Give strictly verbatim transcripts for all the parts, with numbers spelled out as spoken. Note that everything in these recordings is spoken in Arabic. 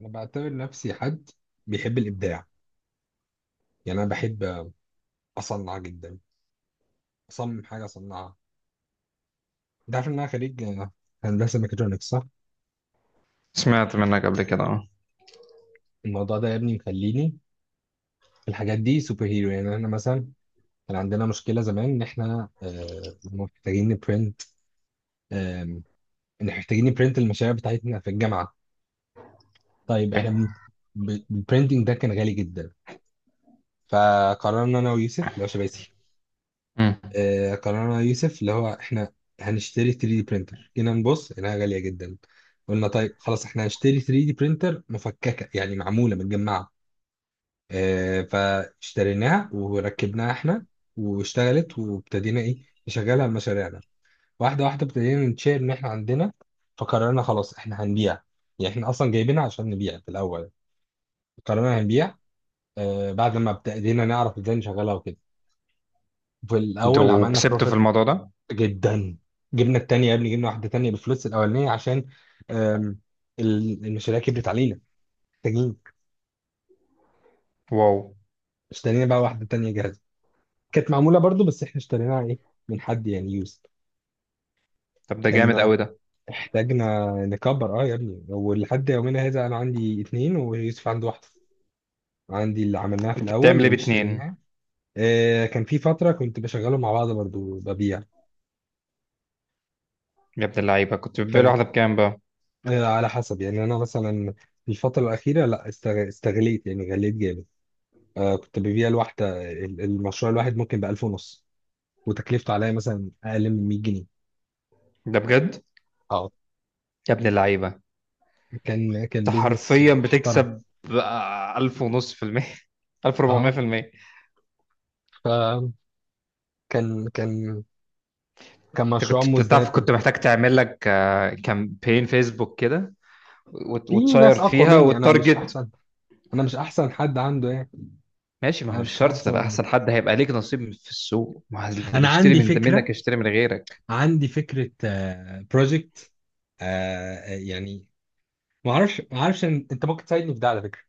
انا بعتبر نفسي حد بيحب الابداع. يعني انا بحب اصنع جدا، اصمم حاجه اصنعها. انت عارف ان انا خريج آه، هندسه ميكاترونكس، صح؟ سمعت منك قبل كده، اه. الموضوع ده يا ابني مخليني في الحاجات دي سوبر هيرو. يعني احنا مثلا كان عندنا مشكله زمان ان احنا آه، محتاجين نبرنت. آم، ان محتاجين نبرنت المشاريع بتاعتنا في الجامعه. طيب اوكي. احنا بن- ب- البرنتنج ده كان غالي جدا. فقررنا انا ويوسف اللي هو شباسي، امم. آه، قررنا يوسف اللي هو احنا هنشتري ثري دي برينتر. جينا نبص لقيناها غالية جدا، قلنا طيب خلاص احنا هنشتري ثري دي برينتر مفككة، يعني معمولة متجمعة. آه، فاشتريناها وركبناها احنا، واشتغلت، وابتدينا ايه، نشغلها لمشاريعنا. واحدة واحدة ابتدينا نشير ان احنا عندنا. فقررنا خلاص احنا هنبيع، يعني احنا اصلا جايبينها عشان نبيع في الاول. قررنا هنبيع آه، بعد ما ابتدينا نعرف ازاي نشغلها وكده. في الاول انتوا عملنا كسبتوا في الموضوع ده؟ جدا. جبنا التانية يا ابني، جبنا واحدة تانية بالفلوس الأولانية عشان آم، ال- المشاريع كبرت علينا، محتاجين. واو. اشترينا بقى واحدة تانية جاهزة، كانت معمولة برضو، بس احنا اشتريناها ايه، من حد يعني يوز. طب ده جامد كان قوي ده. احتاجنا نكبر، اه يا ابني. ولحد يومنا هذا انا عندي اتنين ويوسف عنده واحدة، عندي اللي عملناها في انت الأول بتعمل ايه واللي باتنين؟ اشتريناها. آه، كان في فترة كنت بشغله مع بعض برضو ببيع. يا ابن اللعيبه، كنت بتبيع فاهم. واحده بكام بقى؟ آه، على حسب يعني. أنا مثلا في الفترة الأخيرة لا استغ- استغليت يعني غليت جامد. آه، كنت ببيع الواحدة ال- المشروع الواحد ممكن بألف ونص، وتكلفته عليا مثلا أقل من ميه جنيه. ده بجد؟ اه. يا ابن اللعيبه، كان كان انت بيزنس حرفيا محترم. بتكسب بقى الف ونص في المية. الف ربعمية اه. في المية. فكان كان كان انت مشروع كنت مزدهر بتعرف، جدا. كنت محتاج تعمل لك كامبين فيسبوك كده، وت- في وتشير ناس أقوى فيها مني، أنا مش والتارجت. أحسن. أنا مش أحسن حد عنده يعني. ماشي، ما هو أنا مش مش شرط تبقى أحسن. احسن حد، هيبقى ليك نصيب في السوق، ما هو اللي أنا بيشتري عندي من ده منك فكرة، يشتري من غيرك. عندي فكرة بروجكت. آه آه، يعني ما أعرفش ما أعرفش إن- أنت ممكن تساعدني في ده على فكرة.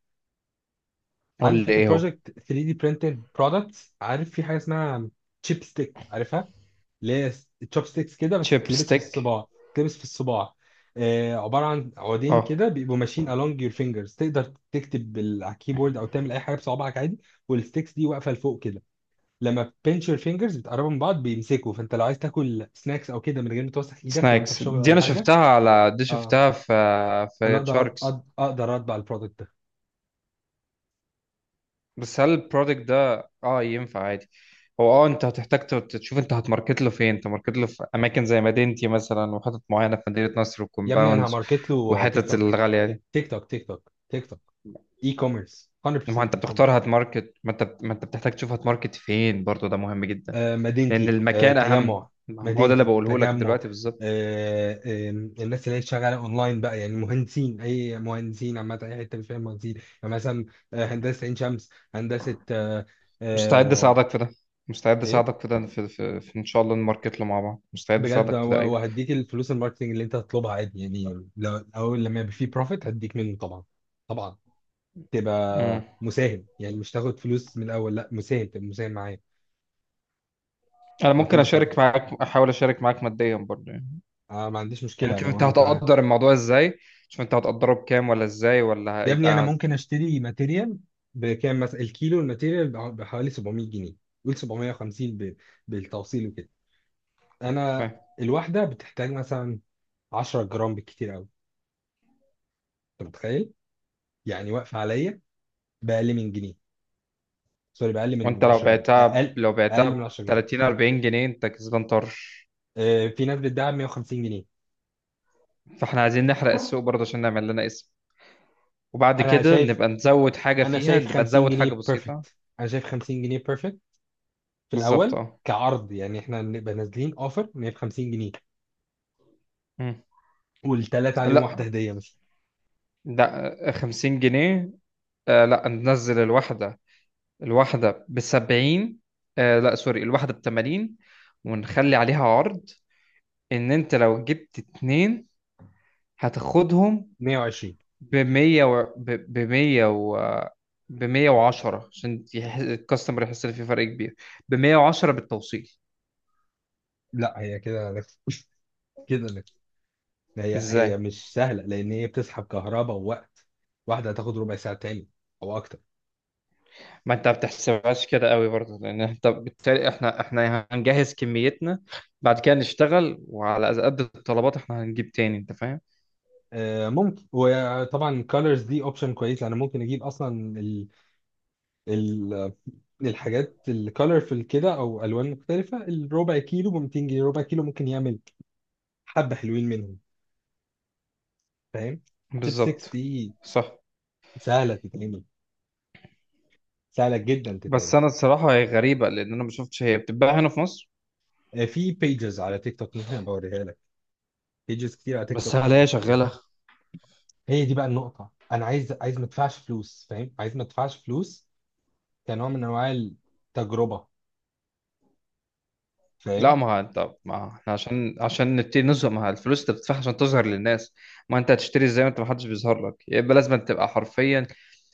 قول عندي لي فكره ايه هو. بروجكت ثري دي برينتد برودكتس. عارف في حاجه اسمها تشيب ستيك؟ عارفها؟ اللي هي تشوب ستيكس كده، بس تشيب تلبس في ستيك. الصباع. تلبس في الصباع آه، عباره عن عودين اه. كده بيبقوا ماشيين along your fingers، تقدر تكتب بال- على الكيبورد، او تعمل اي حاجه بصوابعك عادي. والستيكس دي واقفه لفوق كده، لما pinch your fingers بتقربوا من بعض بيمسكوا. فانت لو عايز تاكل سناكس او كده من غير ما توسخ ايدك، لو انت في سناكس شغل دي ولا انا حاجه. شفتها على دي، اه، شفتها في انا في اقدر أد- شاركس. أد- اقدر اطبع البرودكت ده. بس هل البرودكت ده اه ينفع عادي؟ هو اه انت هتحتاج ت- تشوف انت هتماركت له فين، انت ماركت له في اماكن زي مدينتي مثلا، وحتت معينه في مدينه نصر يا ابني انا وكومباوندز، هماركت له آه، تيك وحتت توك، الغاليه دي. تيك توك، تيك توك، تيك توك. اي كوميرس ما هو مية في المية، انت اي كوميرس. بتختار هتماركت، ما انت ما انت بتحتاج تشوف هتماركت فين برضو، ده مهم جدا. آه لأن مدينتي، آه المكان أهم، تجمع. ما هو ده اللي مدينتي بقوله لك تجمع دلوقتي بالظبط. آه آه الناس اللي هي شغاله اونلاين بقى، يعني مهندسين، اي مهندسين عامه، اي حته فيها مهندسين. يعني مثلا آه هندسه عين شمس، هندسه آه مستعد آه أساعدك في ده، مستعد ايه، أساعدك في ده، في, في, في إن شاء الله نماركت له مع بعض، مستعد بجد. و- أساعدك في ده. أيوه. وهديك الفلوس الماركتنج اللي انت هتطلبها عادي. يعني لو اول لما يبقى فيه بروفيت هديك منه طبعا. طبعا مم. تبقى مساهم، يعني مش تاخد فلوس من الاول، لا مساهم، تبقى مساهم معايا. أنا لو في ممكن أشارك مصاريف، معاك، أحاول أشارك معاك ماديا برضه يعني. آه ما عنديش يعني مشكلة شوف لو أنت انت. هتقدر الموضوع إزاي، شوف أنت هتقدره بكام ولا إزاي ولا يا ابني انا هيبقى. ممكن اشتري ماتيريال. بكام؟ مثلا الكيلو الماتيريال بع- بحوالي سبعمية جنيه، قول سبعمية وخمسين ب... بالتوصيل وكده. انا فاهم. الواحده بتحتاج مثلا 10 جرام بالكتير قوي، انت متخيل. يعني واقفه عليا باقل من جنيه، سوري باقل من وأنت لو عشر جنيه، بعتها ب- اقل. لو بعتها اقل من ب عشر جنيه. تلاتين اربعين جنيه أنت كسبان طرش. آه، في ناس بتدعي ميه وخمسين جنيه. فإحنا عايزين نحرق السوق برضه عشان نعمل لنا اسم، وبعد انا كده شايف، نبقى نزود حاجة انا فيها، شايف نبقى 50 نزود حاجة جنيه بسيطة. بيرفكت، انا شايف 50 جنيه بيرفكت في بالظبط، الاول أه. كعرض. يعني احنا نبقى نازلين اوفر ميه وخمسين جنيه، مم. والثلاثه عليهم واحده لا، هديه مثلا ده خمسين جنيه. آه لا، ننزل الواحدة، الواحدة ب سبعين. آه لا سوري، الواحدة ب تمانين، ونخلي عليها عرض ان انت لو جبت اتنين هتاخدهم ميه وعشرين. ب ميه و... ب ميه و... ب مية وعشرة، عشان يح... الكاستمر يحس ان في فرق كبير، ب ميه وعشرة بالتوصيل. لا، هي كده لك كده لك هي هي ازاي؟ مش سهله، لان هي بتسحب كهرباء ووقت. واحده هتاخد ربع ساعه، تاني او اكتر. ما انت ما بتحسبهاش كده قوي برضه، لان انت بالتالي، احنا احنا هنجهز كميتنا بعد كده نشتغل، وعلى قد الطلبات احنا هنجيب تاني، انت فاهم. آه ممكن، وطبعا الكالرز دي اوبشن كويس، لان ممكن اجيب اصلا ال ال الحاجات الكالرفل كده، او الوان مختلفه. الربع كيلو ب ميتين جنيه، ربع كيلو ممكن يعمل حبه حلوين منهم. فاهم. شيب سيكس بالظبط، دي صح. سهله تتعمل، سهله جدا تتعمل. بس انا الصراحه هي غريبه، لان انا ما شفتش هي بتتباع هنا في مصر. آه، في بيجز على تيك توك، ممكن ابقى اوريها لك. بيجز كتير على تيك بس توك هل هي بت شغاله؟ هي دي بقى النقطة. أنا عايز، عايز ما أدفعش فلوس، فاهم، عايز ما أدفعش فلوس، كنوع من أنواع التجربة. لا فاهم. ما هو انت، ما احنا عشان عشان نبتدي نظهر، ما هو الفلوس انت بتدفعها عشان تظهر للناس، ما انت هتشتري ازاي؟ ما انت ما حدش بيظهر لك، يبقى لازم تبقى حرفيا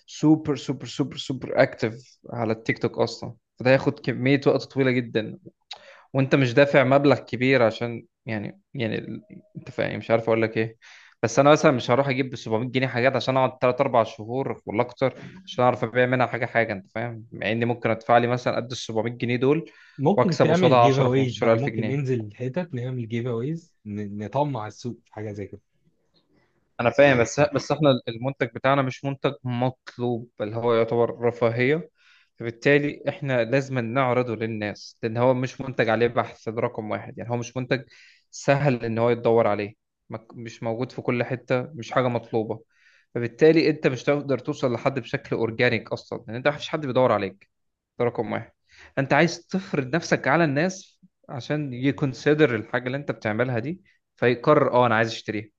سوبر سوبر سوبر سوبر اكتف على التيك توك اصلا، فده هياخد كميه وقت طويله جدا. وانت مش دافع مبلغ كبير عشان يعني يعني ال- انت فاهم، مش عارف اقول لك ايه. بس انا مثلا مش هروح اجيب ب سبعميت جنيه حاجات، عشان اقعد ثلاثة أربعة شهور ولا اكتر عشان اعرف ابيع منها حاجه حاجه، انت فاهم. مع اني ممكن ادفع لي مثلا قد ال سبعمية جنيه دول، ممكن واكسب تعمل قصادها جيف عشرة أويز بقى، 15000 ممكن جنيه ننزل الحتت نعمل جيف أويز، نطمع السوق في حاجة زي كده. انا فاهم، بس بس احنا المنتج بتاعنا مش منتج مطلوب، بل هو يعتبر رفاهية. فبالتالي احنا لازم نعرضه للناس، لان هو مش منتج عليه بحث، ده رقم واحد، يعني هو مش منتج سهل ان هو يتدور عليه. ما- مش موجود في كل حتة، مش حاجة مطلوبة. فبالتالي انت مش هتقدر توصل لحد بشكل اورجانيك اصلا، لان انت مفيش حد بيدور عليك، ده رقم واحد. انت عايز تفرض نفسك على الناس عشان يكونسيدر الحاجة اللي انت بتعملها دي، فيقرر اه انا عايز اشتريها،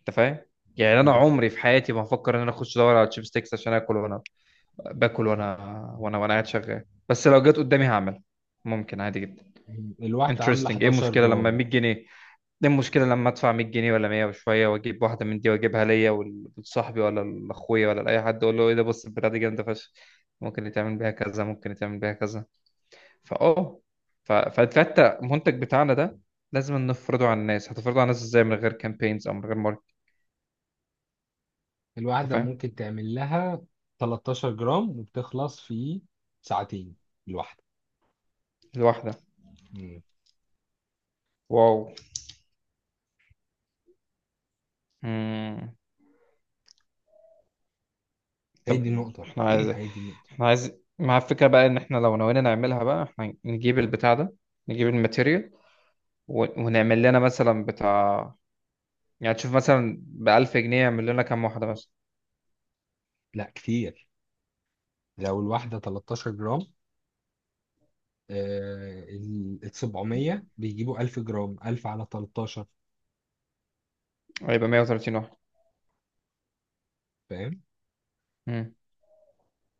انت فاهم. يعني انا م- عمري في حياتي ما هفكر ان انا اخش ادور على تشيب ستيكس عشان اكل، وانا باكل وانا وانا وانا قاعد شغال، بس لو جت قدامي هعملها، ممكن عادي جدا. م- الواحدة عاملة انترستنج. ايه 11 المشكله لما جرام. ميه جنيه؟ ايه المشكله لما ادفع ميه جنيه ولا مية وشويه واجيب واحده من دي واجيبها ليا وال- ولصاحبي ولا لاخويا ولا لاي حد، اقول له ايه ده، بص البتاعه دي جامده فشخ، ممكن يتعمل بيها كذا، ممكن يتعمل بيها كذا. فاه ف- ف- فحتى المنتج بتاعنا ده لازم نفرضه على الناس، هتفرضه على الناس ازاي من غير كامبينز او من غير ماركت؟ انت الواحدة فاهم. ممكن تعمل لها 13 جرام، وبتخلص في ساعتين الواحدة. الواحده. م. واو. مم. هي دي طب النقطة احنا عايز، هي دي النقطة احنا عايز مع الفكرة بقى ان احنا لو نوينا نعملها، بقى احنا نجيب البتاع ده، نجيب الماتيريال، و... ونعمل لنا مثلا بتاع، يعني تشوف مثلا بألف جنيه يعمل لنا كام واحدة مثلا. لا كتير. لو الواحدة تلتاشر جرام، آه، ال ال سبعمية بيجيبوا الف جرام، الف على تلتاشر. هيبقى ميه وتلاتين واحدة. فاهم. مم.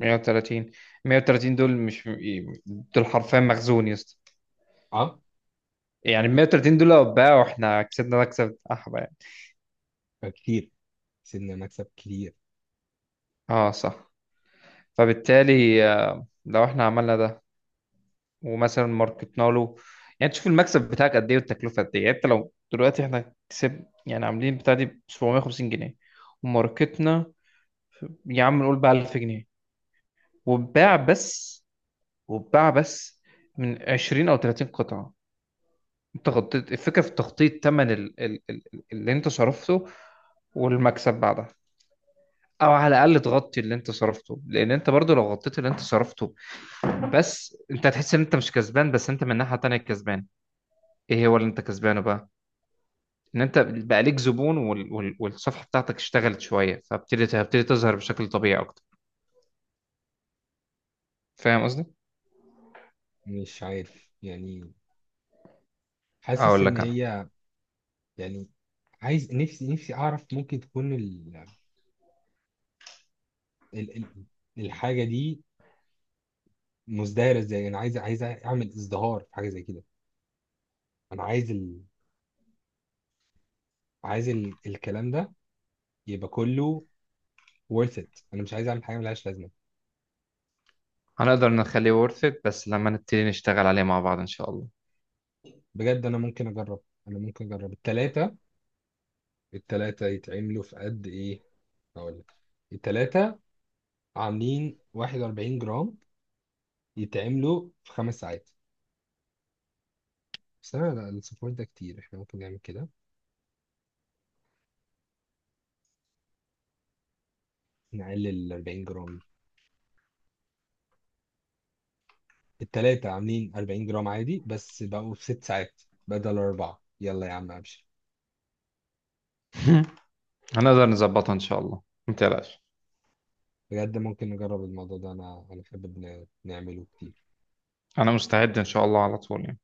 ميه وتلاتين ميه وتلاتين دول مش، دول حرفيا مخزون يا اسطى. اه، يعني ميه وتلاتين دول لو اتباعوا احنا كسبنا مكسب احبه يعني. فكتير، سيبنا مكسب كبير. اه صح. فبالتالي، آه، لو احنا عملنا ده ومثلا ماركتنا له، يعني تشوف المكسب بتاعك قد ايه والتكلفه قد ايه، يعني انت لو دلوقتي احنا كسب يعني عاملين بتاع دي ب سبعميه وخمسين جنيه، وماركتنا، يا عم نقول بقى الف جنيه، واتباع بس، واتباع بس من عشرين او تلاتين قطعه، انت غطيت الفكره في تغطيه ثمن ال... ال... ال... اللي انت صرفته، والمكسب بعدها، او على الاقل تغطي اللي انت صرفته، لان انت برضو لو غطيت اللي انت صرفته، بس انت هتحس ان انت مش كسبان، بس انت من ناحيه تانية كسبان. ايه هو اللي انت كسبانه بقى؟ ان انت بقى ليك زبون، وال... وال... والصفحه بتاعتك اشتغلت شويه، فابتدت هتبتدي تظهر بشكل طبيعي اكتر، فاهم قصدي. مش عارف يعني، حاسس اقول ان لك انا، هي، يعني، عايز نفسي نفسي اعرف ممكن تكون ال ال ال الحاجه دي مزدهره ازاي. انا عايز، عايز اعمل ازدهار في حاجه زي كده. انا عايز ال عايز ال الكلام ده يبقى كله worth it. انا مش عايز اعمل حاجه ملهاش لازمه. هنقدر نخليه ورث بس لما نبتدي نشتغل عليه مع بعض ان شاء الله. بجد انا ممكن اجرب، انا ممكن اجرب التلاته. التلاتة يتعملوا في قد إيه؟ هقول لك. التلاتة عاملين 41 جرام، يتعملوا في خمس ساعات. بس أنا، لا، الصفار ده كتير، إحنا ممكن نعمل كده نقلل ال اربعين جرام دي. التلاتة عاملين اربعين جرام عادي، بس بقوا في ست ساعات بدل أربعة. يلا يا عم أبشر. هنقدر نظبطها ان شاء الله، ما تقلقش، بجد ممكن نجرب الموضوع ده، أنا أنا بحب ن- نعمله كتير. انا مستعد ان شاء الله على طول يعني.